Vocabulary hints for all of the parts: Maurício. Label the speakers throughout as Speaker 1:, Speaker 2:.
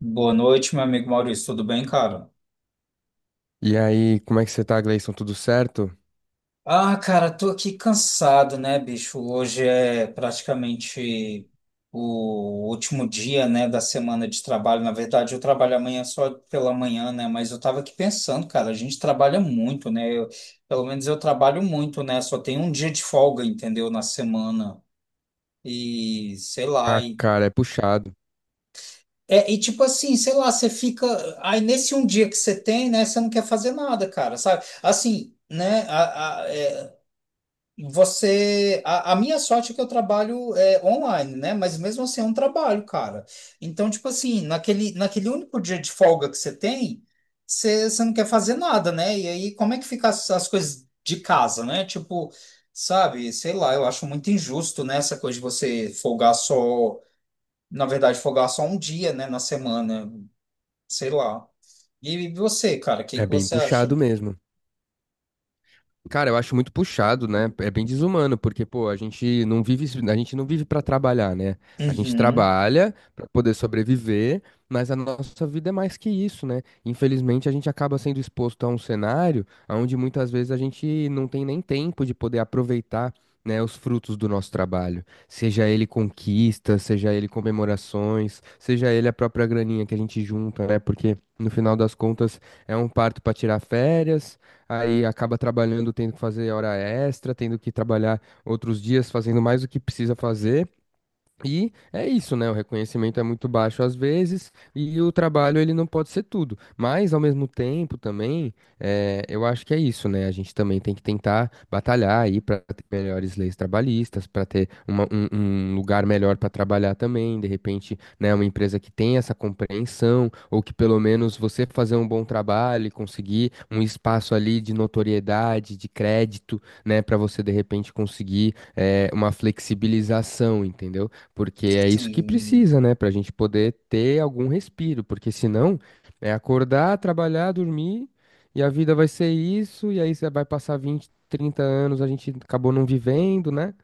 Speaker 1: Boa noite, meu amigo Maurício. Tudo bem, cara?
Speaker 2: E aí, como é que você tá, Gleison? Tudo certo?
Speaker 1: Ah, cara, tô aqui cansado, né, bicho? Hoje é praticamente o último dia, né, da semana de trabalho. Na verdade, eu trabalho amanhã só pela manhã, né? Mas eu tava aqui pensando, cara, a gente trabalha muito, né? Pelo menos eu trabalho muito, né? Só tem um dia de folga, entendeu? Na semana. E sei lá.
Speaker 2: Ah, cara, é puxado.
Speaker 1: É, e tipo assim, sei lá, você fica. Aí nesse um dia que você tem, né, você não quer fazer nada, cara, sabe? Assim, né, você. A minha sorte é que eu trabalho online, né, mas mesmo assim é um trabalho, cara. Então, tipo assim, naquele único dia de folga que você tem, você não quer fazer nada, né? E aí, como é que ficam as coisas de casa, né? Tipo, sabe, sei lá, eu acho muito injusto, né, essa coisa de você folgar só. Na verdade, folgar só um dia, né, na semana. Sei lá. E você, cara, o que
Speaker 2: É
Speaker 1: que
Speaker 2: bem
Speaker 1: você acha?
Speaker 2: puxado mesmo. Cara, eu acho muito puxado, né? É bem desumano, porque, pô, a gente não vive para trabalhar, né? A gente
Speaker 1: Uhum.
Speaker 2: trabalha para poder sobreviver, mas a nossa vida é mais que isso, né? Infelizmente, a gente acaba sendo exposto a um cenário onde muitas vezes a gente não tem nem tempo de poder aproveitar, né, os frutos do nosso trabalho. Seja ele conquista, seja ele comemorações, seja ele a própria graninha que a gente junta, né? Porque no final das contas é um parto para tirar férias, aí acaba trabalhando, tendo que fazer hora extra, tendo que trabalhar outros dias, fazendo mais do que precisa fazer. E é isso, né? O reconhecimento é muito baixo às vezes e o trabalho ele não pode ser tudo. Mas ao mesmo tempo também, eu acho que é isso, né? A gente também tem que tentar batalhar aí para ter melhores leis trabalhistas, para ter um lugar melhor para trabalhar também. De repente, né? Uma empresa que tem essa compreensão, ou que pelo menos você fazer um bom trabalho e conseguir um espaço ali de notoriedade, de crédito, né? Para você de repente conseguir uma flexibilização, entendeu? Porque é isso que
Speaker 1: Sim.
Speaker 2: precisa, né, para a gente poder ter algum respiro. Porque senão é acordar, trabalhar, dormir, e a vida vai ser isso, e aí você vai passar 20, 30 anos, a gente acabou não vivendo, né?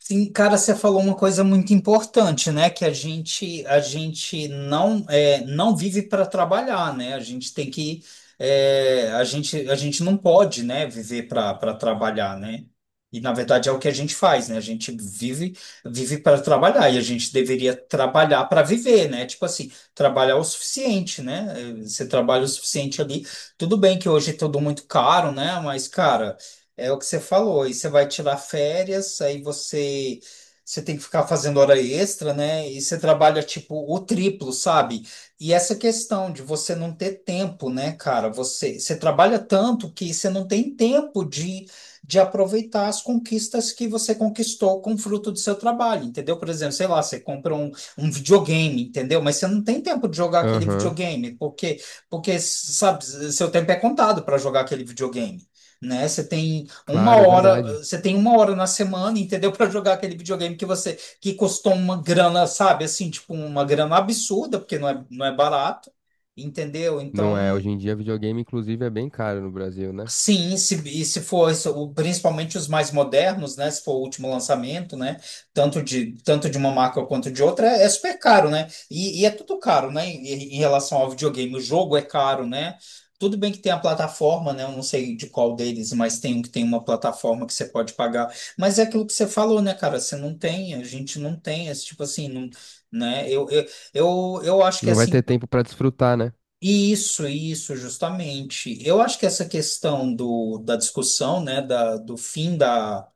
Speaker 1: Sim, cara, você falou uma coisa muito importante, né? Que a gente não vive para trabalhar, né? A gente tem que, a gente não pode, né? Viver para trabalhar, né? E na verdade é o que a gente faz, né? A gente vive para trabalhar e a gente deveria trabalhar para viver, né? Tipo assim, trabalhar o suficiente, né? Você trabalha o suficiente ali, tudo bem que hoje é tudo muito caro, né? Mas, cara, é o que você falou, aí você vai tirar férias, aí você tem que ficar fazendo hora extra, né? E você trabalha tipo o triplo, sabe? E essa questão de você não ter tempo, né, cara? Você trabalha tanto que você não tem tempo de aproveitar as conquistas que você conquistou com o fruto do seu trabalho, entendeu? Por exemplo, sei lá, você compra um videogame, entendeu? Mas você não tem tempo de jogar aquele
Speaker 2: Aham,
Speaker 1: videogame, porque, sabe, seu tempo é contado para jogar aquele videogame, né? Você tem uma
Speaker 2: claro, é
Speaker 1: hora,
Speaker 2: verdade.
Speaker 1: você tem uma hora na semana, entendeu? Para jogar aquele videogame que custou uma grana, sabe? Assim, tipo, uma grana absurda, porque não é barato, entendeu?
Speaker 2: Não é,
Speaker 1: Então.
Speaker 2: hoje em dia videogame, inclusive, é bem caro no Brasil, né?
Speaker 1: Sim, se, e se for isso, principalmente os mais modernos, né? Se for o último lançamento, né? Tanto de uma marca quanto de outra, é super caro, né? E é tudo caro, né? Em relação ao videogame, o jogo é caro, né? Tudo bem que tem a plataforma, né? Eu não sei de qual deles, mas tem um que tem uma plataforma que você pode pagar. Mas é aquilo que você falou, né, cara? Você não tem, a gente não tem esse tipo assim, não, né? Eu acho que
Speaker 2: Não vai
Speaker 1: assim.
Speaker 2: ter tempo para desfrutar, né?
Speaker 1: Isso, justamente. Eu acho que essa questão da discussão, né, do fim da,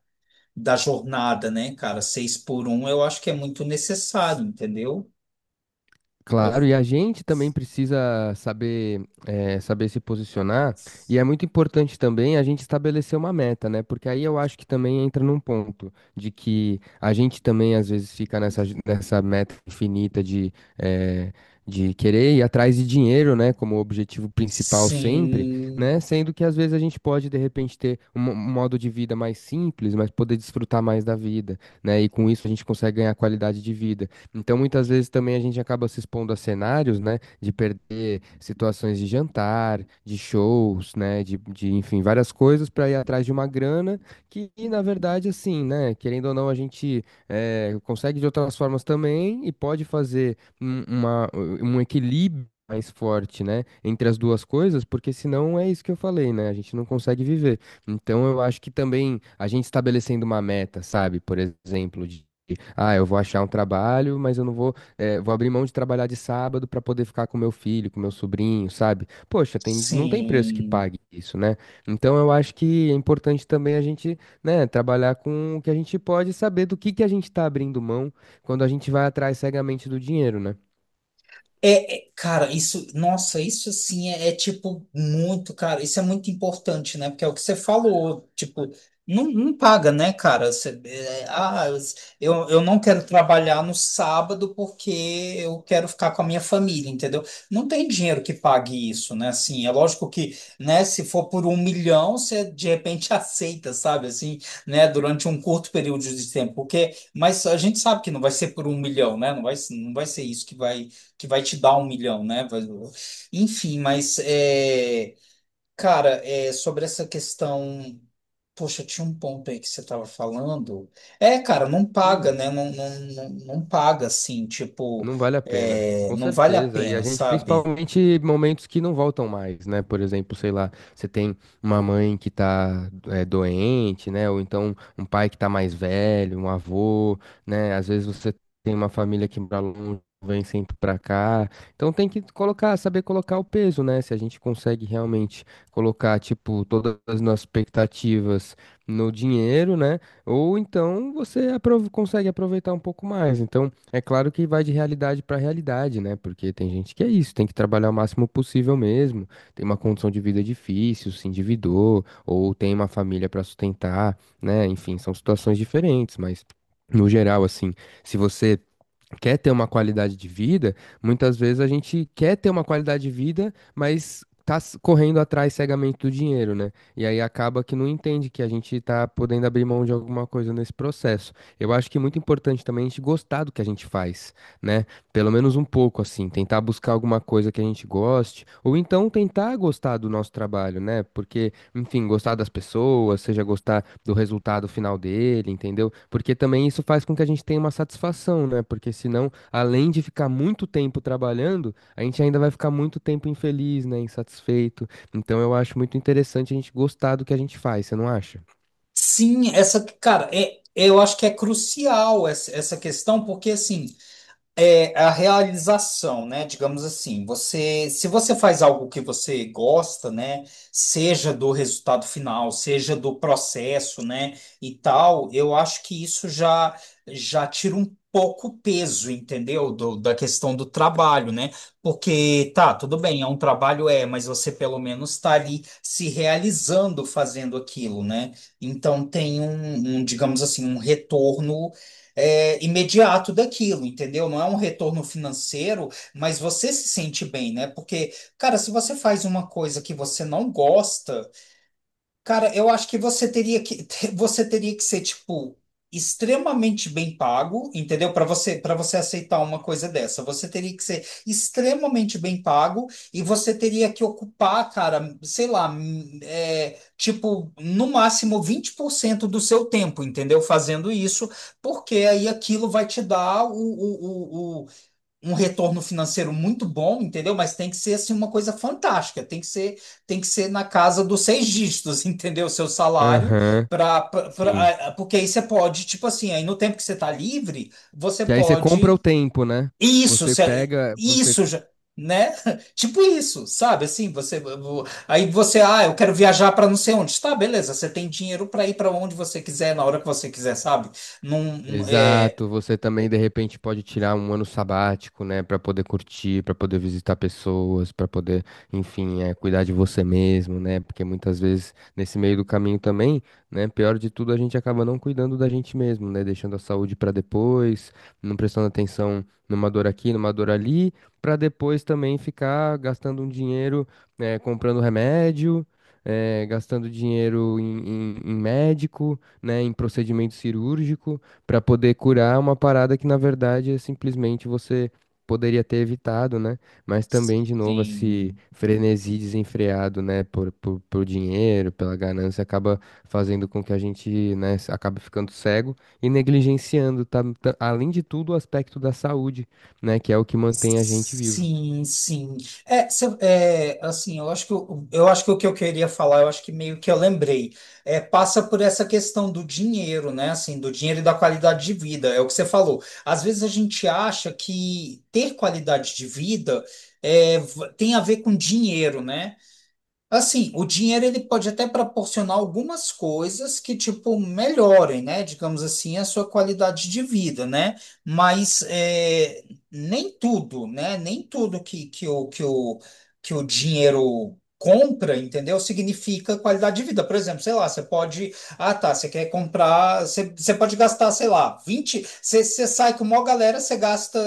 Speaker 1: da jornada, né, cara, seis por um, eu acho que é muito necessário, entendeu? Por...
Speaker 2: Claro, e a gente também precisa saber, saber se posicionar, e é muito importante também a gente estabelecer uma meta, né? Porque aí eu acho que também entra num ponto de que a gente também às vezes fica nessa, nessa meta infinita de, eh, de querer ir atrás de dinheiro, né? Como objetivo principal sempre,
Speaker 1: Sim,
Speaker 2: né? Sendo que às vezes a gente pode de repente ter um modo de vida mais simples, mas poder desfrutar mais da vida, né? E com isso a gente consegue ganhar qualidade de vida. Então, muitas vezes também a gente acaba se expondo a cenários, né, de perder situações de jantar, de shows, né, de enfim, várias coisas para ir atrás de uma grana que, na verdade, assim, né, querendo ou não, a gente consegue de outras formas também e pode fazer um equilíbrio mais forte, né, entre as duas coisas, porque senão é isso que eu falei, né, a gente não consegue viver. Então, eu acho que também a gente estabelecendo uma meta, sabe, por exemplo, de ah, eu vou achar um trabalho, mas eu não vou vou abrir mão de trabalhar de sábado para poder ficar com meu filho, com meu sobrinho, sabe? Poxa, tem, não tem preço que
Speaker 1: sim.
Speaker 2: pague isso, né? Então eu acho que é importante também a gente, né, trabalhar com o que a gente pode, saber do que a gente tá abrindo mão quando a gente vai atrás cegamente do dinheiro, né?
Speaker 1: É, cara, isso, nossa, isso assim é, tipo muito, cara, isso é muito importante, né? Porque é o que você falou, tipo, não, não paga, né, cara? Você, é, ah, eu não quero trabalhar no sábado porque eu quero ficar com a minha família, entendeu? Não tem dinheiro que pague isso, né? Assim, é lógico que, né, se for por 1 milhão, você de repente aceita, sabe? Assim, né, durante um curto período de tempo, mas a gente sabe que não vai ser por 1 milhão, né? Não vai ser isso que vai te dar 1 milhão, né? Enfim, mas cara, é sobre essa questão. Poxa, tinha um ponto aí que você estava falando. É, cara, não paga,
Speaker 2: Hum.
Speaker 1: né? Não, não, não, não paga assim, tipo,
Speaker 2: Não vale a pena, com
Speaker 1: não vale a
Speaker 2: certeza. E a
Speaker 1: pena,
Speaker 2: gente,
Speaker 1: sabe?
Speaker 2: principalmente momentos que não voltam mais, né? Por exemplo, sei lá, você tem uma mãe que tá doente, né? Ou então um pai que tá mais velho, um avô, né? Às vezes você tem uma família que mora longe, vem sempre pra cá. Então tem que colocar, saber colocar o peso, né? Se a gente consegue realmente colocar, tipo, todas as nossas expectativas no dinheiro, né? Ou então você consegue aproveitar um pouco mais. Então, é claro que vai de realidade para realidade, né? Porque tem gente que é isso, tem que trabalhar o máximo possível mesmo, tem uma condição de vida difícil, se endividou, ou tem uma família para sustentar, né? Enfim, são situações diferentes, mas no geral, assim, se você quer ter uma qualidade de vida, muitas vezes a gente quer ter uma qualidade de vida, mas correndo atrás cegamente do dinheiro, né? E aí acaba que não entende que a gente tá podendo abrir mão de alguma coisa nesse processo. Eu acho que é muito importante também a gente gostar do que a gente faz, né? Pelo menos um pouco, assim, tentar buscar alguma coisa que a gente goste, ou então tentar gostar do nosso trabalho, né? Porque enfim, gostar das pessoas, seja gostar do resultado final dele, entendeu? Porque também isso faz com que a gente tenha uma satisfação, né? Porque senão, além de ficar muito tempo trabalhando, a gente ainda vai ficar muito tempo infeliz, né? Insatisfeito. Então eu acho muito interessante a gente gostar do que a gente faz, você não acha?
Speaker 1: Sim, cara, eu acho que é crucial essa questão, porque assim. É a realização, né? Digamos assim, se você faz algo que você gosta, né? Seja do resultado final, seja do processo, né? E tal, eu acho que isso já tira um pouco o peso, entendeu? Da questão do trabalho, né? Porque tá, tudo bem, é um trabalho, mas você pelo menos está ali se realizando fazendo aquilo, né? Então tem um, digamos assim, um retorno, imediato daquilo, entendeu? Não é um retorno financeiro, mas você se sente bem, né? Porque, cara, se você faz uma coisa que você não gosta. Cara, eu acho que você teria que você teria que ser tipo extremamente bem pago, entendeu? Para você aceitar uma coisa dessa, você teria que ser extremamente bem pago e você teria que ocupar, cara, sei lá, tipo no máximo 20% do seu tempo, entendeu? Fazendo isso, porque aí aquilo vai te dar um retorno financeiro muito bom, entendeu? Mas tem que ser assim uma coisa fantástica, tem que ser na casa dos seis dígitos, entendeu? Seu salário,
Speaker 2: Aham,
Speaker 1: para
Speaker 2: sim.
Speaker 1: porque aí você pode, tipo assim, aí no tempo que você está livre, você
Speaker 2: Que aí você compra o
Speaker 1: pode
Speaker 2: tempo, né?
Speaker 1: isso,
Speaker 2: Você pega, você...
Speaker 1: isso já. Né? Tipo isso, sabe? Assim, você aí você, ah, eu quero viajar para não sei onde. Tá, beleza, você tem dinheiro para ir para onde você quiser, na hora que você quiser, sabe? Não, não- é,
Speaker 2: Exato, você também de repente pode tirar um ano sabático, né, para poder curtir, para poder visitar pessoas, para poder, enfim, cuidar de você mesmo, né? Porque muitas vezes nesse meio do caminho também, né, pior de tudo, a gente acaba não cuidando da gente mesmo, né, deixando a saúde para depois, não prestando atenção numa dor aqui, numa dor ali, para depois também ficar gastando um dinheiro, né, comprando remédio. Gastando dinheiro em médico, né, em procedimento cirúrgico para poder curar uma parada que na verdade é simplesmente você poderia ter evitado, né? Mas também de novo esse
Speaker 1: sim.
Speaker 2: frenesi desenfreado, né, por dinheiro, pela ganância acaba fazendo com que a gente, né, acabe ficando cego e negligenciando, além de tudo, o aspecto da saúde, né, que é o que mantém a gente vivo.
Speaker 1: Sim, sim. É, assim, eu acho que o que eu queria falar, eu acho que meio que eu lembrei. Passa por essa questão do dinheiro, né? Assim, do dinheiro e da qualidade de vida, é o que você falou. Às vezes a gente acha que ter qualidade de vida tem a ver com dinheiro, né? Assim, o dinheiro, ele pode até proporcionar algumas coisas que, tipo, melhorem, né? Digamos assim, a sua qualidade de vida, né? Mas nem tudo, né? Nem tudo que o dinheiro compra, entendeu? Significa qualidade de vida. Por exemplo, sei lá, você pode. Ah, tá, você quer comprar. Você, você pode gastar, sei lá, vinte. Você sai com uma galera, você gasta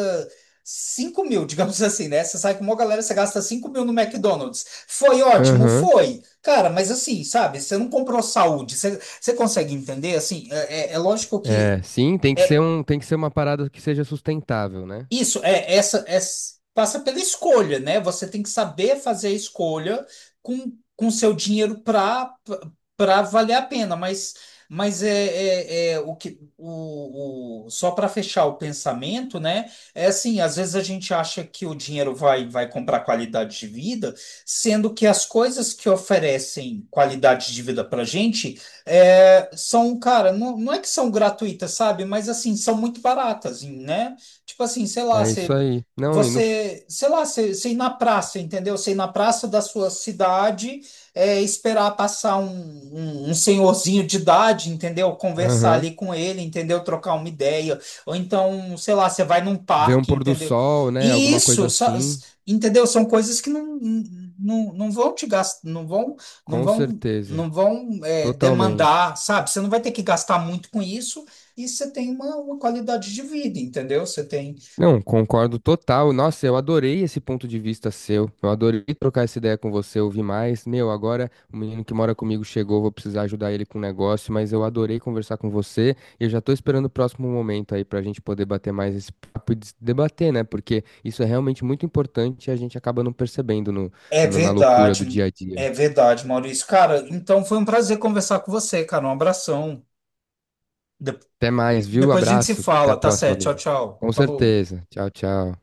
Speaker 1: 5 mil, digamos assim, né? Você sai com uma galera, você gasta 5 mil no McDonald's. Foi ótimo,
Speaker 2: Aham.
Speaker 1: foi. Cara, mas assim, sabe, você não comprou saúde. Você consegue entender? Assim, é lógico que.
Speaker 2: É, sim, tem que ser
Speaker 1: É
Speaker 2: um, tem que ser uma parada que seja sustentável, né?
Speaker 1: isso. Passa pela escolha, né? Você tem que saber fazer a escolha com seu dinheiro para valer a pena, mas o que só para fechar o pensamento, né? É assim, às vezes a gente acha que o dinheiro vai comprar qualidade de vida, sendo que as coisas que oferecem qualidade de vida para gente, são, cara, não, não é que são gratuitas, sabe? Mas assim, são muito baratas, né? Tipo assim, sei lá,
Speaker 2: É isso aí. Não, e no...
Speaker 1: sei lá, você ir na praça, entendeu? Você ir na praça da sua cidade, esperar passar um senhorzinho de idade, entendeu? Conversar
Speaker 2: Aham.
Speaker 1: ali com ele, entendeu? Trocar uma ideia. Ou então, sei lá, você vai num
Speaker 2: Ver um
Speaker 1: parque,
Speaker 2: pôr do
Speaker 1: entendeu?
Speaker 2: sol, né?
Speaker 1: E
Speaker 2: Alguma coisa
Speaker 1: isso,
Speaker 2: assim.
Speaker 1: entendeu? São coisas que não, não, não vão te gastar, não vão, não
Speaker 2: Com
Speaker 1: vão,
Speaker 2: certeza,
Speaker 1: não vão, é, demandar,
Speaker 2: totalmente.
Speaker 1: sabe? Você não vai ter que gastar muito com isso e você tem uma qualidade de vida, entendeu? Você tem.
Speaker 2: Não, concordo total. Nossa, eu adorei esse ponto de vista seu. Eu adorei trocar essa ideia com você, ouvir mais. Meu, agora o menino que mora comigo chegou, vou precisar ajudar ele com um negócio, mas eu adorei conversar com você e eu já tô esperando o próximo momento aí pra gente poder bater mais esse papo e debater, né? Porque isso é realmente muito importante e a gente acaba não percebendo
Speaker 1: É
Speaker 2: na loucura do
Speaker 1: verdade,
Speaker 2: dia a dia.
Speaker 1: é verdade, Maurício. Cara, então foi um prazer conversar com você, cara. Um abração. De-
Speaker 2: Até mais, viu?
Speaker 1: Depois a gente se
Speaker 2: Abraços. Até a
Speaker 1: fala, tá
Speaker 2: próxima,
Speaker 1: certo? Tchau,
Speaker 2: amigo.
Speaker 1: tchau.
Speaker 2: Com
Speaker 1: Falou.
Speaker 2: certeza. Tchau, tchau.